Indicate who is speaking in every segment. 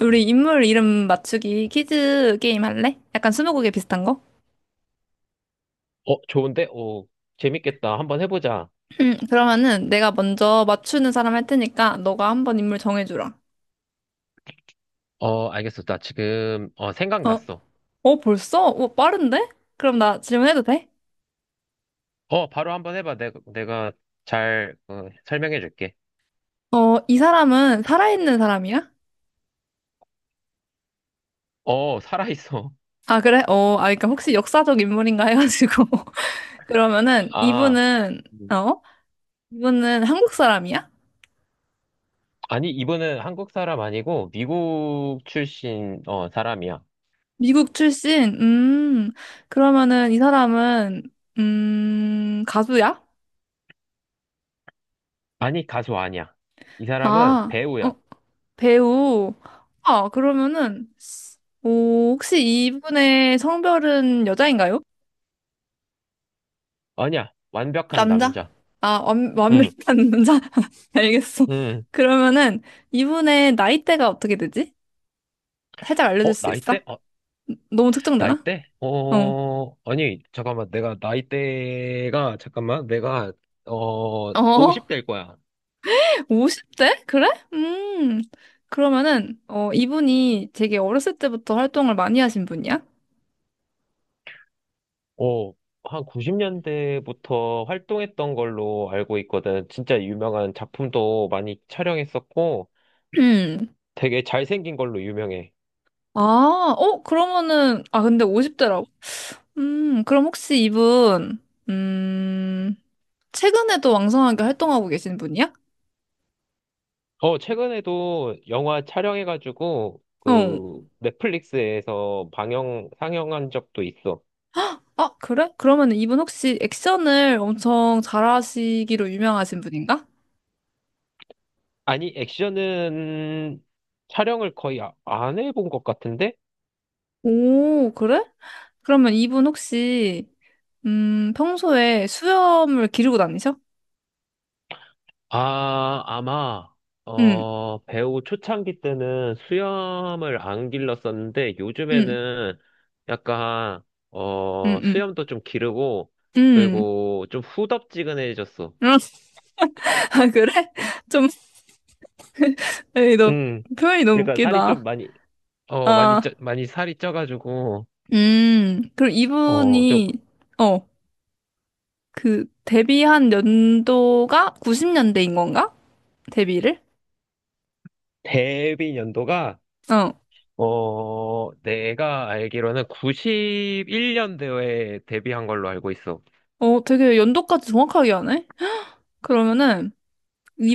Speaker 1: 우리 인물 이름 맞추기 퀴즈 게임 할래? 약간 스무고개 비슷한 거?
Speaker 2: 좋은데? 재밌겠다. 한번 해보자.
Speaker 1: 그러면은 내가 먼저 맞추는 사람 할 테니까 너가 한번 인물 정해주라.
Speaker 2: 알겠어. 나 지금,
Speaker 1: 어,
Speaker 2: 생각났어.
Speaker 1: 벌써? 빠른데? 그럼 나 질문해도 돼?
Speaker 2: 바로 한번 해봐. 내가 잘, 설명해줄게.
Speaker 1: 이 사람은 살아있는 사람이야?
Speaker 2: 살아있어.
Speaker 1: 아, 그래? 아, 그러니까 혹시 역사적 인물인가 해가지고. 그러면은
Speaker 2: 아,
Speaker 1: 이분은,
Speaker 2: 음.
Speaker 1: 어? 이분은 한국 사람이야?
Speaker 2: 아니, 이분은 한국 사람 아니고, 미국 출신, 사람이야.
Speaker 1: 미국 출신? 그러면은 이 사람은, 가수야?
Speaker 2: 아니, 가수 아니야. 이 사람은
Speaker 1: 아.
Speaker 2: 배우야.
Speaker 1: 어? 배우. 아, 그러면은, 오, 혹시 이분의 성별은 여자인가요?
Speaker 2: 아니야. 완벽한
Speaker 1: 남자?
Speaker 2: 남자.
Speaker 1: 아, 완,
Speaker 2: 응,
Speaker 1: 완벽한 남자? 알겠어.
Speaker 2: 응.
Speaker 1: 그러면은, 이분의 나이대가 어떻게 되지? 살짝 알려줄 수
Speaker 2: 나이대?
Speaker 1: 있어? 너무 특정되나?
Speaker 2: 나이대?
Speaker 1: 어.
Speaker 2: 아니, 잠깐만. 내가 나이대가, 잠깐만. 내가,
Speaker 1: 어?
Speaker 2: 50대일 거야.
Speaker 1: 50대? 그래? 음. 그러면은, 이분이 되게 어렸을 때부터 활동을 많이 하신 분이야?
Speaker 2: 어, 한 90년대부터 활동했던 걸로 알고 있거든. 진짜 유명한 작품도 많이 촬영했었고,
Speaker 1: 음.
Speaker 2: 되게 잘생긴 걸로 유명해.
Speaker 1: 아, 어, 그러면은, 아, 근데 50대라고? 그럼 혹시 이분, 음, 최근에도 왕성하게 활동하고 계신 분이야?
Speaker 2: 최근에도 영화 촬영해가지고,
Speaker 1: 어.
Speaker 2: 그, 넷플릭스에서 방영, 상영한 적도 있어.
Speaker 1: 아, 그래? 그러면 이분 혹시 액션을 엄청 잘하시기로 유명하신 분인가?
Speaker 2: 아니, 액션은 촬영을 거의 안 해본 것 같은데?
Speaker 1: 오, 그래? 그러면 이분 혹시, 평소에 수염을 기르고 다니셔?
Speaker 2: 아, 아마,
Speaker 1: 응,
Speaker 2: 배우 초창기 때는 수염을 안 길렀었는데,
Speaker 1: 응,
Speaker 2: 요즘에는 약간,
Speaker 1: 응, 응,
Speaker 2: 수염도 좀 기르고,
Speaker 1: 응.
Speaker 2: 그리고 좀 후덥지근해졌어.
Speaker 1: 응. 아, 그래? 좀, 에이, 너
Speaker 2: 음,
Speaker 1: 표현이 너무
Speaker 2: 그러니까 살이 좀
Speaker 1: 웃기다.
Speaker 2: 많이, 많이 쪄,
Speaker 1: 아,
Speaker 2: 많이 살이 쪄가지고,
Speaker 1: 그럼
Speaker 2: 좀
Speaker 1: 이분이, 어. 그 데뷔한 연도가 90년대인 건가? 데뷔를?
Speaker 2: 데뷔 연도가,
Speaker 1: 어.
Speaker 2: 내가 알기로는 91년도에 데뷔한 걸로 알고 있어.
Speaker 1: 어, 되게 연도까지 정확하게 하네. 그러면은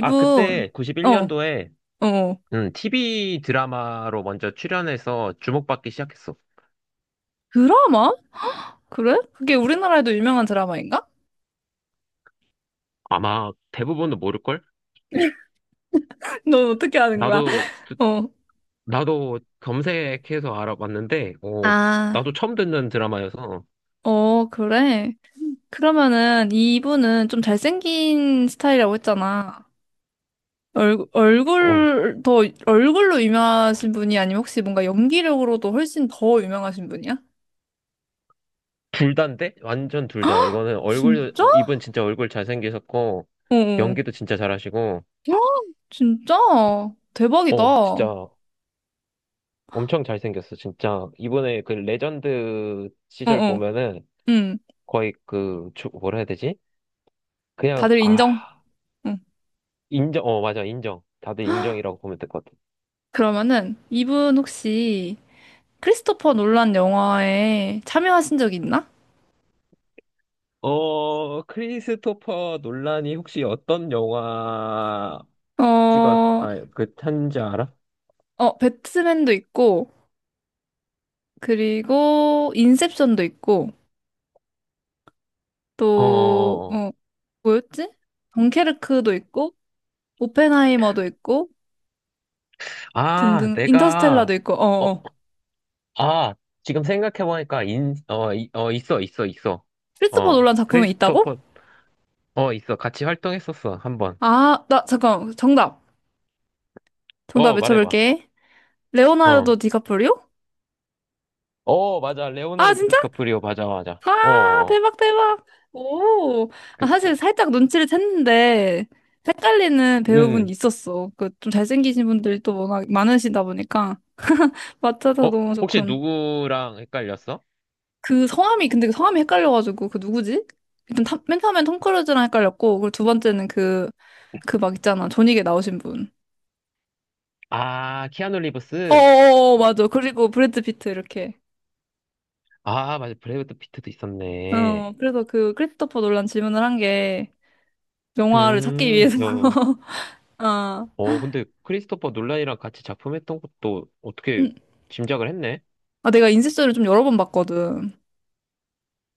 Speaker 2: 아, 그때
Speaker 1: 어, 어.
Speaker 2: 91년도에
Speaker 1: 어.
Speaker 2: 응, TV 드라마로 먼저 출연해서 주목받기 시작했어.
Speaker 1: 드라마? 그래? 그게 우리나라에도 유명한 드라마인가?
Speaker 2: 아마 대부분도 모를걸?
Speaker 1: 넌 어떻게 아는 거야?
Speaker 2: 나도, 듣-
Speaker 1: 어.
Speaker 2: 나도 검색해서 알아봤는데,
Speaker 1: 아.
Speaker 2: 나도 처음 듣는 드라마여서,
Speaker 1: 어, 그래. 그러면은 이분은 좀 잘생긴 스타일이라고 했잖아. 얼굴,
Speaker 2: 어,
Speaker 1: 얼굴, 더, 얼굴로 유명하신 분이 아니면 혹시 뭔가 연기력으로도 훨씬 더 유명하신 분이야?
Speaker 2: 둘 다인데? 완전 둘 다. 이거는 얼굴,
Speaker 1: 진짜?
Speaker 2: 이분 진짜 얼굴 잘생기셨고,
Speaker 1: 어, 어.
Speaker 2: 연기도 진짜 잘하시고,
Speaker 1: 헉, 진짜? 대박이다. 어,
Speaker 2: 진짜 엄청 잘생겼어. 진짜. 이번에 그 레전드 시절
Speaker 1: 어.
Speaker 2: 보면은
Speaker 1: 응.
Speaker 2: 거의 그, 뭐라 해야 되지? 그냥,
Speaker 1: 다들 인정?
Speaker 2: 아.
Speaker 1: 응.
Speaker 2: 인정, 맞아, 인정. 다들 인정이라고 보면 될 것 같아.
Speaker 1: 그러면은, 이분 혹시 크리스토퍼 놀란 영화에 참여하신 적 있나?
Speaker 2: 크리스토퍼 논란이 혹시 어떤 영화
Speaker 1: 어, 어,
Speaker 2: 탄지 알아?
Speaker 1: 배트맨도 있고, 그리고 인셉션도 있고,
Speaker 2: 어,
Speaker 1: 또,
Speaker 2: 어, 어.
Speaker 1: 어, 뭐였지? 덩케르크도 있고, 오펜하이머도 있고,
Speaker 2: 아,
Speaker 1: 등등, 인터스텔라도 있고, 어,
Speaker 2: 어,
Speaker 1: 어.
Speaker 2: 아, 지금 생각해보니까, 인, 어, 이- 어, 있어.
Speaker 1: 크리스토퍼 놀란 작품에 있다고?
Speaker 2: 크리스토퍼, 있어. 같이 활동했었어, 한 번.
Speaker 1: 아, 나, 잠깐, 정답. 정답
Speaker 2: 말해봐.
Speaker 1: 외쳐볼게.
Speaker 2: 어.
Speaker 1: 레오나르도 디카프리오?
Speaker 2: 맞아.
Speaker 1: 아,
Speaker 2: 레오나르도
Speaker 1: 진짜?
Speaker 2: 디카프리오, 맞아, 맞아. 어,
Speaker 1: 아,
Speaker 2: 어. 어.
Speaker 1: 대박, 대박. 오. 아,
Speaker 2: 그,
Speaker 1: 사실 살짝 눈치를 챘는데, 헷갈리는 배우분
Speaker 2: 음.
Speaker 1: 있었어. 그, 좀 잘생기신 분들이 또 워낙 많으시다 보니까. 맞춰서
Speaker 2: 어,
Speaker 1: 너무
Speaker 2: 혹시
Speaker 1: 좋군.
Speaker 2: 누구랑 헷갈렸어?
Speaker 1: 그 성함이, 근데 그 성함이 헷갈려가지고, 그 누구지? 맨 처음엔 톰 크루즈랑 헷갈렸고, 그리고 두 번째는 그, 그 막 있잖아. 존윅에 나오신 분.
Speaker 2: 아, 키아누 리브스?
Speaker 1: 어어어, 맞아. 그리고 브래드 피트, 이렇게.
Speaker 2: 아, 맞아. 브래드 피트도
Speaker 1: 어,
Speaker 2: 있었네.
Speaker 1: 그래서 그 크리스토퍼 놀란 질문을 한 게, 영화를 찾기
Speaker 2: 음,
Speaker 1: 위해서
Speaker 2: 어,
Speaker 1: 아,
Speaker 2: 근데 크리스토퍼 놀란이랑 같이 작품했던 것도 어떻게
Speaker 1: 음.
Speaker 2: 짐작을 했네?
Speaker 1: 아, 내가 인셉션을 좀 여러 번 봤거든.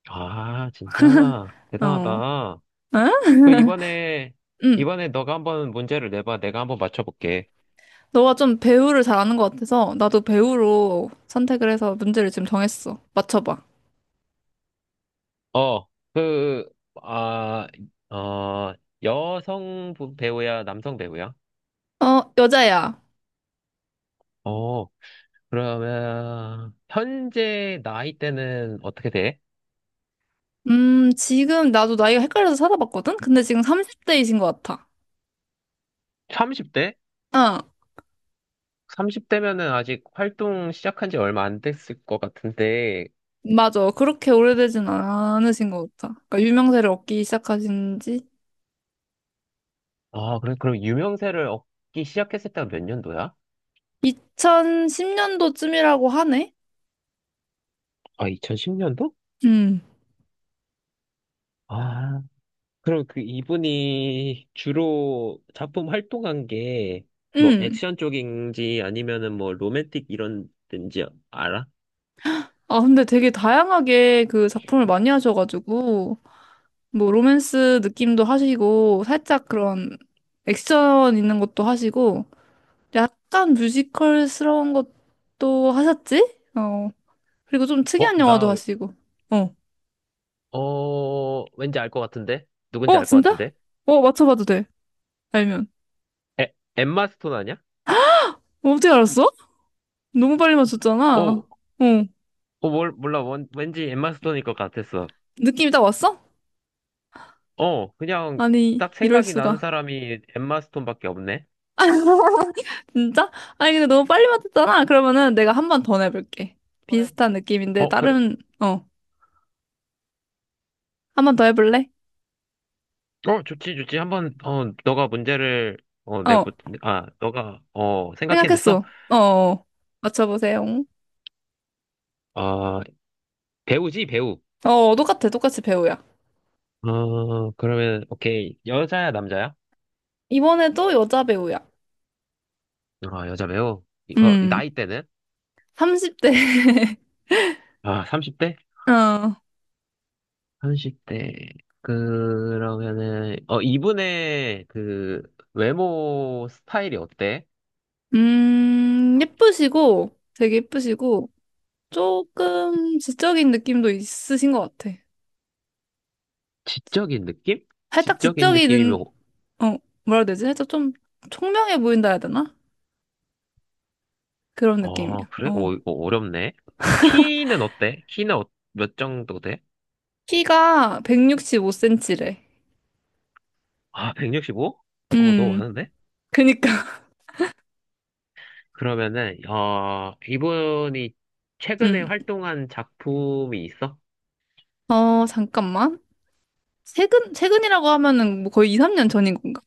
Speaker 2: 아, 진짜
Speaker 1: 어,
Speaker 2: 대단하다.
Speaker 1: 응?
Speaker 2: 그 이번에
Speaker 1: 응.
Speaker 2: 이번에 너가 한번 문제를 내봐. 내가 한번 맞춰볼게.
Speaker 1: 너가 좀 배우를 잘 아는 것 같아서 나도 배우로 선택을 해서 문제를 지금 정했어. 맞춰봐.
Speaker 2: 어, 그, 아, 어, 여성 배우야, 남성 배우야?
Speaker 1: 어, 여자야.
Speaker 2: 어, 그러면 현재 나이대는 어떻게 돼?
Speaker 1: 지금 나도 나이가 헷갈려서 찾아봤거든? 근데 지금 30대이신 것 같아.
Speaker 2: 30대?
Speaker 1: 어,
Speaker 2: 30대면은 아직 활동 시작한 지 얼마 안 됐을 것 같은데,
Speaker 1: 맞아. 그렇게 오래되진 않으신 것 같아. 그러니까 유명세를 얻기 시작하신 지
Speaker 2: 아, 그래, 그럼 유명세를 얻기 시작했을 때가 몇 년도야?
Speaker 1: 2010년도쯤이라고 하네?
Speaker 2: 아, 2010년도?
Speaker 1: 음,
Speaker 2: 아, 그럼 그 이분이 주로 작품 활동한 게, 뭐,
Speaker 1: 음.
Speaker 2: 액션 쪽인지 아니면은 뭐, 로맨틱 이런 데인지 알아?
Speaker 1: 아, 근데 되게 다양하게 그 작품을 많이 하셔가지고, 뭐 로맨스 느낌도 하시고 살짝 그런 액션 있는 것도 하시고 약간 뮤지컬스러운 것도 하셨지? 어 그리고 좀
Speaker 2: 어,
Speaker 1: 특이한
Speaker 2: 나,
Speaker 1: 영화도 하시고 어
Speaker 2: 왠지 알 것 같은데? 누군지
Speaker 1: 어
Speaker 2: 알 것
Speaker 1: 진짜?
Speaker 2: 같은데?
Speaker 1: 어 맞춰봐도 돼 알면
Speaker 2: 엠마 스톤 아니야?
Speaker 1: 어, 어떻게 알았어? 너무 빨리 맞췄잖아
Speaker 2: 어,
Speaker 1: 어
Speaker 2: 몰라. 왠지 엠마 스톤일 것 같았어.
Speaker 1: 느낌이 딱 왔어?
Speaker 2: 그냥
Speaker 1: 아니
Speaker 2: 딱
Speaker 1: 이럴
Speaker 2: 생각이 나는
Speaker 1: 수가
Speaker 2: 사람이 엠마 스톤밖에 없네.
Speaker 1: 진짜? 아니 근데 너무 빨리 맞췄잖아 그러면은 내가 한 번 더 내볼게
Speaker 2: 손에
Speaker 1: 비슷한 느낌인데
Speaker 2: 그래.
Speaker 1: 다른 어 한 번 더 해볼래?
Speaker 2: 좋지, 좋지. 한번, 어, 너가 문제를, 어, 내보,
Speaker 1: 어
Speaker 2: 아, 너가, 생각해냈어?
Speaker 1: 생각했어. 어, 어. 맞춰보세요.
Speaker 2: 어, 배우지, 배우.
Speaker 1: 어, 똑같아. 똑같이 배우야.
Speaker 2: 그러면, 오케이. 여자야, 남자야?
Speaker 1: 이번에도 여자 배우야.
Speaker 2: 아, 여자 배우. 이거,
Speaker 1: 음,
Speaker 2: 나이대는?
Speaker 1: 30대.
Speaker 2: 아, 30대?
Speaker 1: 어,
Speaker 2: 30대. 그러면은, 이분의 그, 외모 스타일이 어때?
Speaker 1: 되게 예쁘시고, 조금 지적인 느낌도 있으신 것 같아.
Speaker 2: 지적인 느낌?
Speaker 1: 살짝
Speaker 2: 지적인
Speaker 1: 지적인,
Speaker 2: 느낌이면
Speaker 1: 어, 뭐라 해야 되지? 살짝 좀 총명해 보인다 해야 되나? 그런
Speaker 2: 아,
Speaker 1: 느낌이야.
Speaker 2: 그래?
Speaker 1: 어.
Speaker 2: 오, 이거 어렵네. 키는 어때? 키는 몇 정도 돼?
Speaker 1: 키가 165 cm래.
Speaker 2: 아, 165? 너무
Speaker 1: 음,
Speaker 2: 많은데?
Speaker 1: 그니까.
Speaker 2: 그러면은, 이분이 최근에
Speaker 1: 음.
Speaker 2: 활동한 작품이 있어?
Speaker 1: 어, 잠깐만. 최근, 최근이라고 하면은 뭐 거의 2, 3년 전인 건가?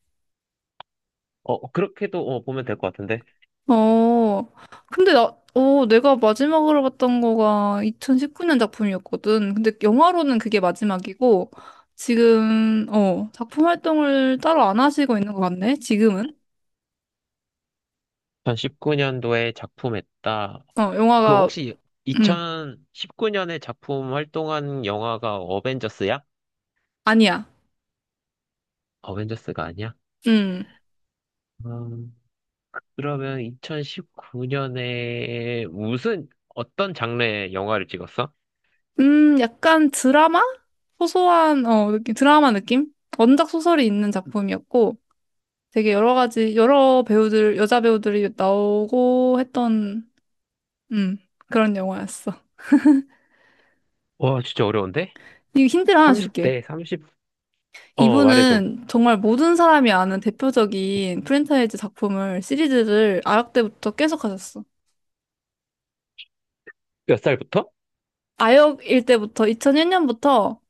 Speaker 2: 그렇게도 보면 될 것 같은데.
Speaker 1: 어, 근데 나, 어, 내가 마지막으로 봤던 거가 2019년 작품이었거든. 근데 영화로는 그게 마지막이고, 지금, 어, 작품 활동을 따로 안 하시고 있는 것 같네, 지금은.
Speaker 2: 2019년도에 작품했다.
Speaker 1: 어,
Speaker 2: 그
Speaker 1: 영화가,
Speaker 2: 혹시
Speaker 1: 음,
Speaker 2: 2019년에 작품 활동한 영화가 어벤져스야?
Speaker 1: 아니야.
Speaker 2: 어벤져스가 아니야?
Speaker 1: 음,
Speaker 2: 음, 그러면 2019년에 어떤 장르의 영화를 찍었어?
Speaker 1: 약간 드라마? 소소한, 어, 느낌, 드라마 느낌? 원작 소설이 있는 작품이었고, 되게 여러 가지, 여러 배우들, 여자 배우들이 나오고 했던 음, 그런 영화였어.
Speaker 2: 와, 진짜 어려운데?
Speaker 1: 이거 힌트를 하나 줄게.
Speaker 2: 30대, 30, 말해줘.
Speaker 1: 이분은 정말 모든 사람이 아는 대표적인 프랜차이즈 작품을 시리즈를 아역 때부터 계속 하셨어.
Speaker 2: 몇 살부터?
Speaker 1: 아역일 때부터 2001년부터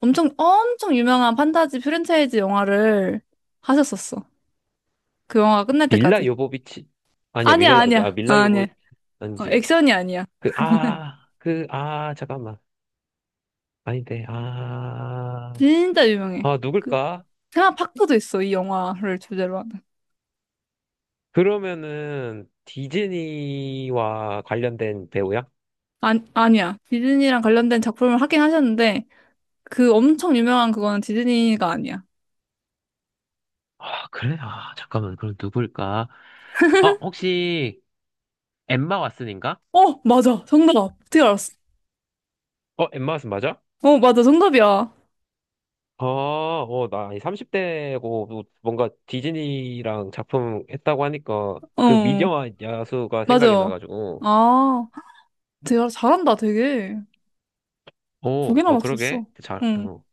Speaker 1: 엄청 엄청 유명한 판타지 프랜차이즈 영화를 하셨었어. 그 영화가 끝날
Speaker 2: 밀라
Speaker 1: 때까지.
Speaker 2: 요보비치. 아니야,
Speaker 1: 아니야,
Speaker 2: 아,
Speaker 1: 아니야. 아, 아니야. 어,
Speaker 2: 아니지.
Speaker 1: 액션이 아니야.
Speaker 2: 잠깐만. 아닌데,
Speaker 1: 진짜 유명해.
Speaker 2: 아,
Speaker 1: 그
Speaker 2: 누굴까?
Speaker 1: 테마 파크도 있어, 이 영화를 주제로 하는.
Speaker 2: 그러면은, 디즈니와 관련된 배우야?
Speaker 1: 아, 아니야. 디즈니랑 관련된 작품을 하긴 하셨는데 그 엄청 유명한 그거는 디즈니가 아니야.
Speaker 2: 아, 그래? 아, 잠깐만. 그럼 누굴까? 혹시, 엠마 왓슨인가?
Speaker 1: 어, 맞아. 정답. 어떻게 알았어?
Speaker 2: 엠마 왓슨 맞아?
Speaker 1: 어, 맞아. 정답이야.
Speaker 2: 아, 나이 30대고 뭔가 디즈니랑 작품 했다고 하니까 그
Speaker 1: 어,
Speaker 2: 미녀와 야수가 생각이
Speaker 1: 맞아.
Speaker 2: 나가지고.
Speaker 1: 아, 되게 잘한다, 되게. 두
Speaker 2: 오,
Speaker 1: 개나
Speaker 2: 그러게.
Speaker 1: 맞췄어.
Speaker 2: 잘,
Speaker 1: 응.
Speaker 2: 어.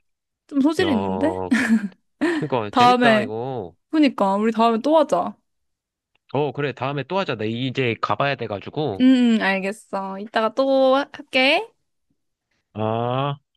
Speaker 1: 좀
Speaker 2: 야,
Speaker 1: 소질이 있는데?
Speaker 2: 그러니까 재밌다,
Speaker 1: 다음에,
Speaker 2: 이거.
Speaker 1: 그니까, 우리 다음에 또 하자.
Speaker 2: 그래. 다음에 또 하자. 나 이제 가봐야 돼가지고.
Speaker 1: 응, 응, 알겠어. 이따가 또 할게.
Speaker 2: 아.